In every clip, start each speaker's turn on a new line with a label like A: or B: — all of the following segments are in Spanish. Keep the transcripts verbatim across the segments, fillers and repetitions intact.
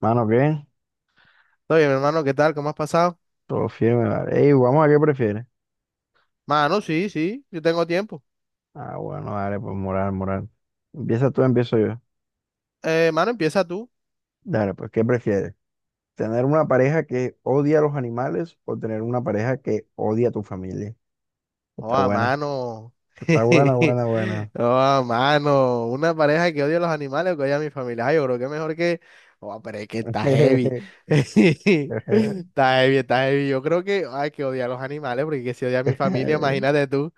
A: Mano, ¿qué?
B: Todo bien, mi hermano, ¿qué tal? ¿Cómo has pasado?
A: Todo firme, vale. Ey, vamos a qué prefieres.
B: Mano, sí, sí, yo tengo tiempo.
A: Ah, bueno, dale, pues moral, moral. Empieza tú, empiezo yo.
B: Eh, mano, empieza tú.
A: Dale, pues, ¿qué prefieres? ¿Tener una pareja que odia a los animales o tener una pareja que odia a tu familia?
B: Oh,
A: Está
B: a
A: buena.
B: mano.
A: Está buena, buena, buena.
B: Oh, a mano. Una pareja que odia a los animales o que odia a mi familia. Ay, yo creo que mejor que. Oh, pero es que está heavy. Está heavy, está heavy. Yo creo que hay que odiar a los animales porque que si odia a mi familia, imagínate tú.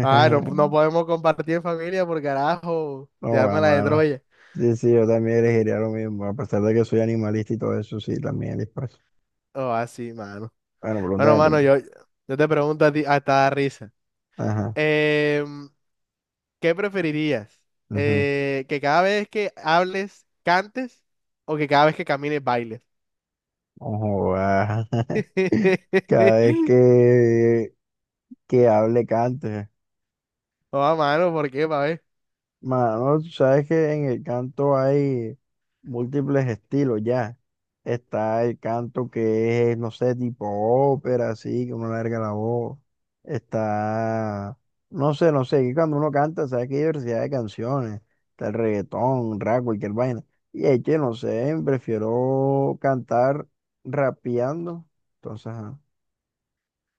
B: Ah, no, no podemos compartir en familia porque carajo, se
A: No, va,
B: arma la de
A: mano.
B: Troya.
A: Sí, sí, yo también elegiría lo mismo, a pesar de que soy animalista y todo eso, sí, también les paso.
B: Oh, así, mano.
A: Bueno,
B: Bueno,
A: pregúntame tú
B: mano,
A: pues.
B: yo, yo te pregunto a ti, hasta da risa.
A: Ajá.
B: Em, ¿qué preferirías? Eh, ¿que cada vez que hables cantes o que cada vez que camines bailes?
A: Ojo, ah, Cada vez que, que hable, cante.
B: Oh, a mano, ¿por qué, pa' ver?
A: Mano, tú sabes que en el canto hay múltiples estilos ya. Está el canto que es, no sé, tipo ópera, así, que uno larga la voz. Está, no sé, no sé, que cuando uno canta, sabes que hay diversidad de canciones. Está el reggaetón, rap, cualquier vaina. Y es que, no sé, prefiero cantar rapeando. Entonces, ajá.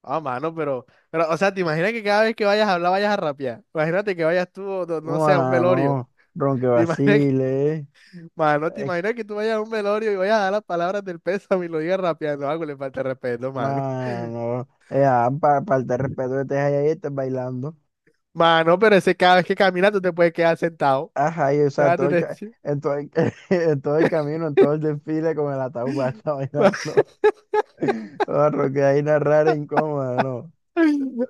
B: Oh, mano, pero, pero, o sea, ¿te imaginas que cada vez que vayas a hablar vayas a rapear? Imagínate que vayas tú, o no, no sé, a un velorio.
A: Mano, ronque
B: ¿Te imaginas que,
A: vacile, eh.
B: mano, ¿te
A: Eh,
B: imaginas que tú vayas a un velorio y vayas a dar las palabras del pésame y lo digas rapeando? Algo le falta de respeto, mano.
A: Mano, eh, ah, pa- falta de respeto que estés ahí, ahí estás bailando.
B: Mano, pero ese cada vez que caminas tú te puedes quedar sentado.
A: Ajá, y o sea,
B: Déjate
A: todo el,
B: de-
A: ca-
B: decir.
A: en, todo el, en todo el camino, en todo el desfile con el ataúd va a estar bailando. Oh, ronque ahí narrar incómoda, ¿no?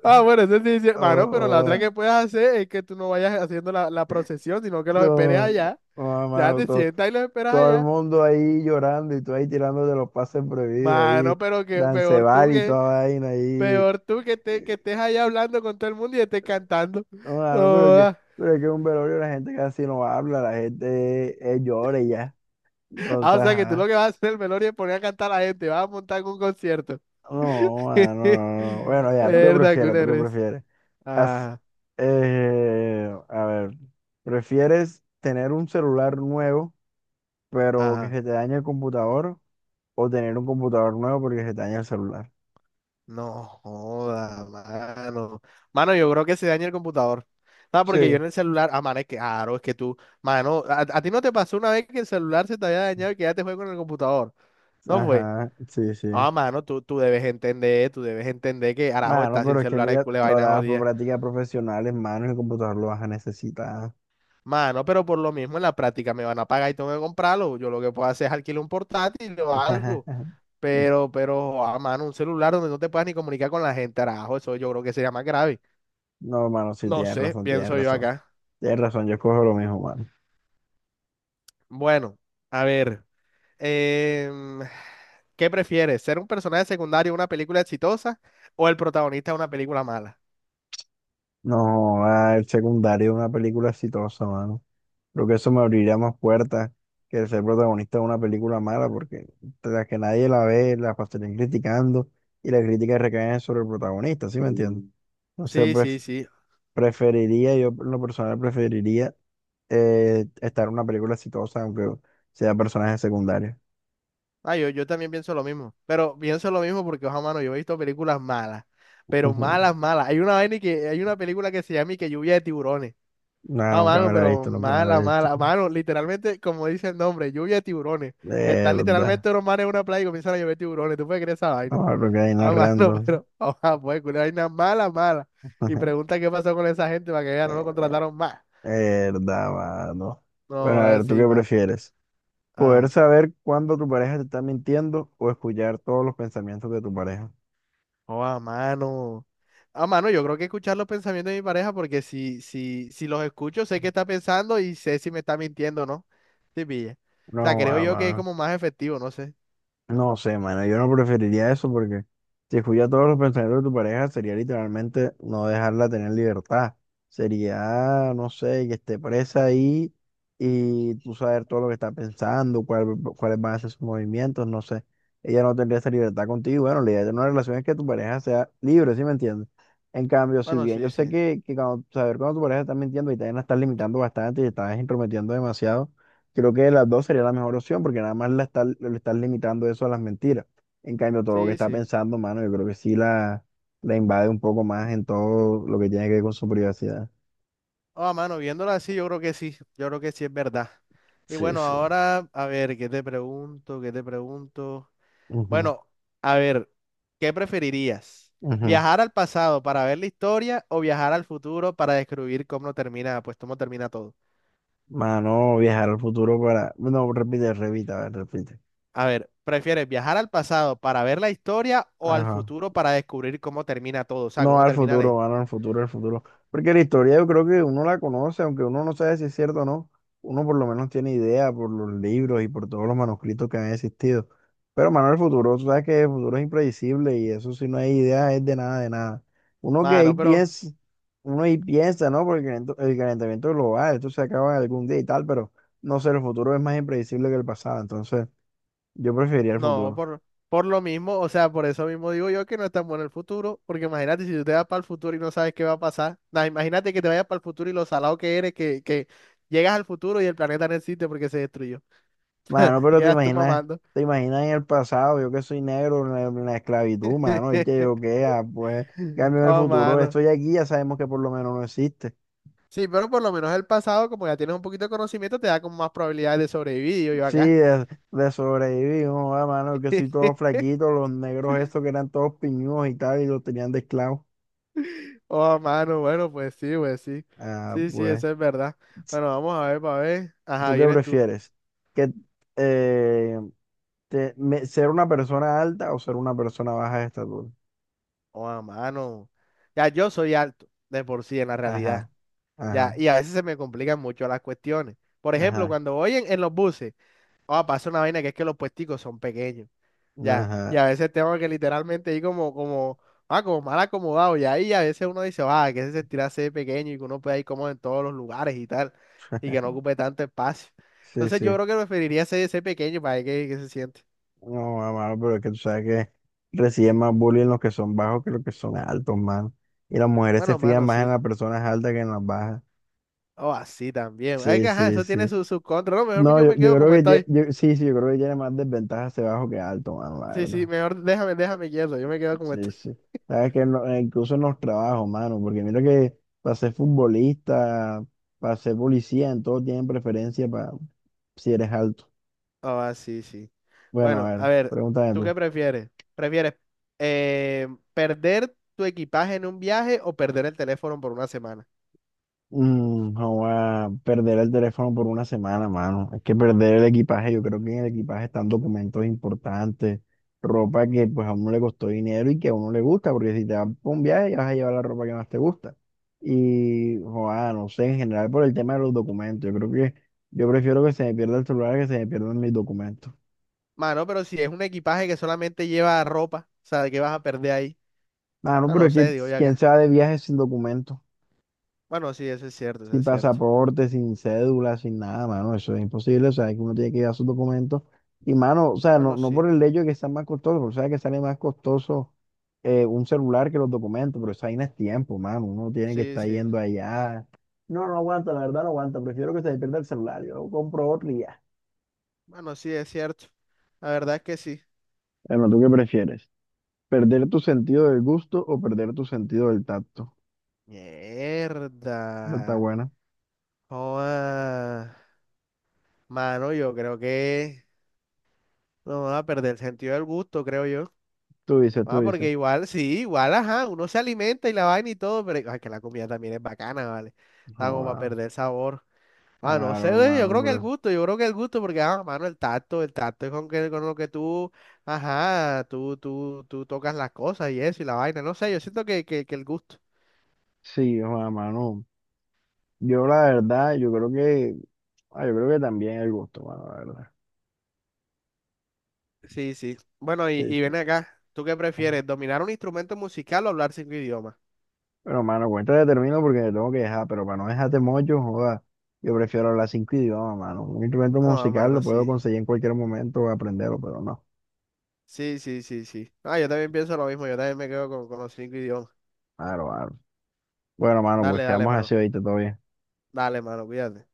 B: Ah, bueno, eso sí, es cier- mano, pero la otra
A: Oh,
B: que puedes hacer es que tú no vayas haciendo la, la procesión, sino que los esperes
A: oh,
B: allá.
A: oh,
B: Ya
A: mano,
B: te
A: todo,
B: sientas y los esperas
A: todo el
B: allá.
A: mundo ahí llorando y tú ahí tirándote los pases prohibidos
B: Mano,
A: ahí,
B: pero que peor tú
A: dancebal y
B: que,
A: toda vaina ahí.
B: peor tú que, te, que estés allá hablando con todo el mundo y estés cantando.
A: No,
B: No
A: mano, pero que,
B: joda.
A: pero que un velorio la gente casi no habla, la gente eh, llora y ya. Entonces,
B: Ah, o sea que tú lo
A: ajá.
B: que vas a hacer en el velorio es poner a cantar a la gente, vas a montar un concierto.
A: No, mano, no, no. Bueno, ya, ¿tú qué
B: Verdad, que
A: prefieres? ¿Tú
B: una
A: qué
B: res.
A: prefieres? Haz-
B: Ajá,
A: eh, a ver, ¿prefieres tener un celular nuevo, pero que
B: ajá.
A: se te dañe el computador? ¿O tener un computador nuevo porque se te daña el celular?
B: No joda, mano. Mano, yo creo que se daña el computador. No, porque yo
A: Sí,
B: en el celular, ah, mano, es que, claro, es que tú, mano, a, a ti no te pasó una vez que el celular se te había dañado y que ya te fue con el computador. No fue.
A: ajá, sí, sí.
B: Ah, mano, tú, tú debes entender, tú debes entender que Arajo
A: Mano,
B: está sin
A: pero es que
B: celular, es
A: mira,
B: cule
A: todas
B: vaina
A: las
B: jodida.
A: prácticas profesionales, manos y el computador lo vas a necesitar.
B: Mano, pero por lo mismo en la práctica me van a pagar y tengo que comprarlo. Yo lo que puedo hacer es alquilar un portátil o algo. Pero, pero, ah, mano, un celular donde no te puedas ni comunicar con la gente, Arajo, eso yo creo que sería más grave.
A: No, mano, sí,
B: No
A: tienes
B: sé,
A: razón, tienes
B: pienso yo
A: razón.
B: acá.
A: Tienes razón, yo escojo lo mismo, mano.
B: Bueno, a ver, em, ¿qué prefieres? ¿Ser un personaje secundario en una película exitosa o el protagonista de una película mala?
A: No, ah, el secundario es una película exitosa, mano. Creo que eso me abriría más puertas que el ser protagonista de una película mala, porque tras que nadie la ve, la pasarían criticando y las críticas recaen sobre el protagonista, ¿sí me entiendes? Entonces,
B: Sí, sí,
A: pref-
B: sí.
A: preferiría, yo en lo personal preferiría eh, estar en una película exitosa, aunque sea personaje secundario.
B: Ah, yo, yo también pienso lo mismo, pero pienso lo mismo porque, ojo, mano, yo he visto películas malas, pero malas, malas. Hay una vaina que, hay una película que se llama y que Lluvia de Tiburones.
A: No,
B: Ah,
A: nunca
B: mano,
A: me la he
B: pero
A: visto, nunca me la
B: mala,
A: he visto.
B: mala, mano, literalmente, como dice el nombre, Lluvia de Tiburones. Están
A: Verdad.
B: literalmente los manes en una playa y comienzan a llover tiburones. ¿Tú puedes creer esa vaina?
A: No, porque hay no
B: Ah,
A: es
B: mano,
A: random.
B: pero, ojalá, pues, culo, vaina mala, mala. Y pregunta qué pasó con esa gente para que ya no lo contrataron más.
A: Verdad, mano. Bueno,
B: No,
A: a ver, ¿tú
B: así,
A: qué
B: más.
A: prefieres? ¿Poder
B: Ah,
A: saber cuándo tu pareja te está mintiendo o escuchar todos los pensamientos de tu pareja?
B: oh, a mano. Ah, mano, yo creo que escuchar los pensamientos de mi pareja, porque si, si, si los escucho, sé qué está pensando y sé si me está mintiendo o no. Sí, pilla. O sea,
A: No,
B: creo
A: ah,
B: yo que es
A: mano,
B: como más efectivo, no sé.
A: no sé, mano, yo no preferiría eso porque si escuchas todos los pensamientos de tu pareja sería literalmente no dejarla tener libertad. Sería, no sé, que esté presa ahí y tú saber todo lo que está pensando, cuál- cuáles van a ser sus movimientos, no sé. Ella no tendría esa libertad contigo. Bueno, la idea de una relación es que tu pareja sea libre, ¿sí me entiendes? En cambio, si
B: Bueno,
A: bien yo
B: sí,
A: sé
B: sí.
A: que, que cuando- saber cuando tu pareja está mintiendo y también la estás limitando bastante y te estás intrometiendo demasiado, creo que las dos sería la mejor opción porque nada más la estás, le estás limitando eso a las mentiras. En cambio, todo lo que
B: Sí,
A: está
B: sí.
A: pensando, mano, yo creo que sí la, la invade un poco más en todo lo que tiene que ver con su privacidad.
B: Ah, mano, viéndolo así, yo creo que sí. Yo creo que sí es verdad. Y
A: Sí,
B: bueno,
A: sí.
B: ahora, a ver, ¿qué te pregunto? ¿Qué te pregunto?
A: Ujú,
B: Bueno, a ver, ¿qué preferirías?
A: ujú.
B: ¿Viajar al pasado para ver la historia o viajar al futuro para descubrir cómo termina, pues cómo termina todo?
A: Mano, viajar al futuro para... No, repite, repite, a ver, repite.
B: A ver, ¿prefieres viajar al pasado para ver la historia o al
A: Ajá.
B: futuro para descubrir cómo termina todo? O sea,
A: No,
B: cómo
A: al
B: termina
A: futuro,
B: la...
A: van al futuro, al futuro. Porque la historia yo creo que uno la conoce, aunque uno no sabe si es cierto o no, uno por lo menos tiene idea por los libros y por todos los manuscritos que han existido. Pero, mano, el futuro, tú sabes que el futuro es impredecible y eso si no hay idea es de nada, de nada. Uno que ahí
B: Mano, pero
A: piensa, uno ahí piensa, ¿no? Porque el calent- el calentamiento global, esto se acaba algún día y tal, pero no sé, el futuro es más impredecible que el pasado, entonces yo preferiría el
B: no,
A: futuro.
B: por, por lo mismo, o sea, por eso mismo digo yo que no es tan bueno el futuro, porque imagínate si tú te vas para el futuro y no sabes qué va a pasar. Nah, imagínate que te vayas para el futuro y lo salado que eres, que, que llegas al futuro y el planeta no existe porque se destruyó.
A: Mano,
B: Y
A: pero te
B: quedas tú
A: imaginas,
B: mamando.
A: te imaginas en el pasado, yo que soy negro, en la, en la esclavitud, mano, y que yo que, ah, pues, cambio en el
B: Oh,
A: futuro,
B: mano.
A: estoy aquí, ya sabemos que por lo menos no existe.
B: Sí, pero por lo menos el pasado, como ya tienes un poquito de conocimiento, te da como más probabilidades de sobrevivir, digo yo
A: Sí,
B: acá.
A: de, de sobrevivir, no, ah, mano, yo que soy todo flaquito, los negros estos que eran todos piñudos y tal, y los tenían de esclavos.
B: Oh, mano, bueno, pues sí, pues sí.
A: Ah,
B: Sí, sí,
A: pues,
B: eso es verdad. Bueno, vamos a ver, para ver. Ajá,
A: ¿tú qué
B: vienes tú.
A: prefieres? ¿Que, eh, te- me- ser una persona alta o ser una persona baja de estatura?
B: Oh, mano. Ya, yo soy alto, de por sí, en la realidad.
A: Ajá,
B: Ya,
A: ajá,
B: y a veces se me complican mucho las cuestiones. Por ejemplo,
A: ajá,
B: cuando voy en, en los buses, oh, pasa una vaina que es que los puesticos son pequeños. Ya, y
A: ajá.
B: a veces tengo que literalmente ir como, como, ah, como mal acomodado, y ahí a veces uno dice, ah, que se sentirá ser pequeño y que uno pueda ir como en todos los lugares y tal, y que no ocupe tanto espacio.
A: Sí,
B: Entonces yo
A: sí.
B: creo que preferiría ser, ser pequeño para ver qué, qué se siente.
A: No, mano, pero es que tú sabes que reciben más bullying los que son bajos que los que son altos, mano. Y las mujeres se
B: Bueno,
A: fijan
B: mano,
A: más en
B: sí.
A: las personas altas que en las bajas.
B: O así también. Es
A: Sí,
B: que, ajá,
A: sí,
B: eso tiene
A: sí.
B: sus sus contras. No, mejor
A: No,
B: yo
A: yo,
B: me quedo
A: yo creo
B: como
A: que ye-
B: estoy.
A: yo- sí, sí, yo creo que tiene más desventajas ser bajo que alto, mano, la
B: Sí, sí,
A: verdad.
B: mejor déjame, déjame quieto, yo me quedo como
A: Sí,
B: estoy.
A: sí. Sabes que no- eh, incluso en los trabajos, mano, porque mira que para ser futbolista, para ser policía, en todo tienen preferencia para si eres alto.
B: Ah, sí, sí.
A: Bueno,
B: Bueno,
A: a
B: a
A: ver,
B: ver,
A: pregúntame
B: ¿tú qué
A: tú.
B: prefieres? ¿Prefieres eh, perder tu equipaje en un viaje o perder el teléfono por una semana?
A: Mm, joa, perder el teléfono por una semana, mano. Es que perder el equipaje, yo creo que en el equipaje están documentos importantes, ropa que pues a uno le costó dinero y que a uno le gusta, porque si te vas por un viaje vas a llevar la ropa que más te gusta. Y, joa, no sé, en general por el tema de los documentos, yo creo que yo prefiero que se me pierda el celular que se me pierdan mis documentos.
B: Mano, pero si es un equipaje que solamente lleva ropa, o sea, ¿qué vas a perder ahí?
A: Ah, no,
B: Ah,
A: pero
B: no
A: es que
B: sé, digo yo
A: quién se
B: acá.
A: va de viaje sin documentos.
B: Bueno, sí, eso es cierto, eso
A: Sin
B: es cierto.
A: pasaporte, sin cédula, sin nada, mano, eso es imposible, o sea, que uno tiene que llevar sus documentos. Y, mano, o sea, no,
B: Bueno,
A: no
B: sí,
A: por el hecho de que sea más costoso, porque sabes que sale más costoso eh, un celular que los documentos, pero esa vaina es tiempo, mano, uno tiene que
B: sí,
A: estar
B: sí.
A: yendo allá. No, no aguanta, la verdad no aguanta, prefiero que se me pierda el celular, yo compro otro y ya.
B: Bueno, sí, es cierto. La verdad es que sí.
A: Bueno, ¿tú qué prefieres? ¿Perder tu sentido del gusto o perder tu sentido del tacto? Esta está
B: Mierda.
A: buena.
B: Joda. Mano, yo creo que no va a perder el sentido del gusto, creo.
A: Tú dices, tú
B: Ah,
A: dices.
B: porque igual, sí, igual, ajá, uno se alimenta y la vaina y todo, pero ay, que la comida también es bacana, ¿vale? Está
A: No,
B: como para
A: ah,
B: perder sabor. Ah, no
A: claro,
B: sé, ve, yo
A: hermano,
B: creo que el
A: pero
B: gusto, yo creo que el gusto, porque, ah, mano, el tacto, el tacto es con, que, con lo que tú, ajá, tú, tú, tú tocas las cosas y eso y la vaina, no sé, yo siento que, que, que el gusto.
A: sí, joda, mano. Yo la verdad, yo creo que, ah, yo creo que también el gusto, mano, la verdad.
B: Sí, sí. Bueno, y,
A: Sí,
B: y ven
A: sí.
B: acá, ¿tú qué
A: Ay.
B: prefieres, dominar un instrumento musical o hablar cinco idiomas?
A: Pero, mano, cuéntate, termino porque te tengo que dejar, pero para no dejarte mocho, joda, yo prefiero hablar cinco idiomas, mano. Un instrumento
B: Ah,
A: musical lo
B: mano,
A: puedo
B: sí.
A: conseguir en cualquier momento, aprenderlo, pero no.
B: Sí, sí, sí, sí. Ah, yo también pienso lo mismo, yo también me quedo con, con los cinco idiomas.
A: Claro, claro. Bueno, mano, pues
B: Dale, dale,
A: quedamos así
B: mano.
A: ahorita, todo bien.
B: Dale, mano, cuídate.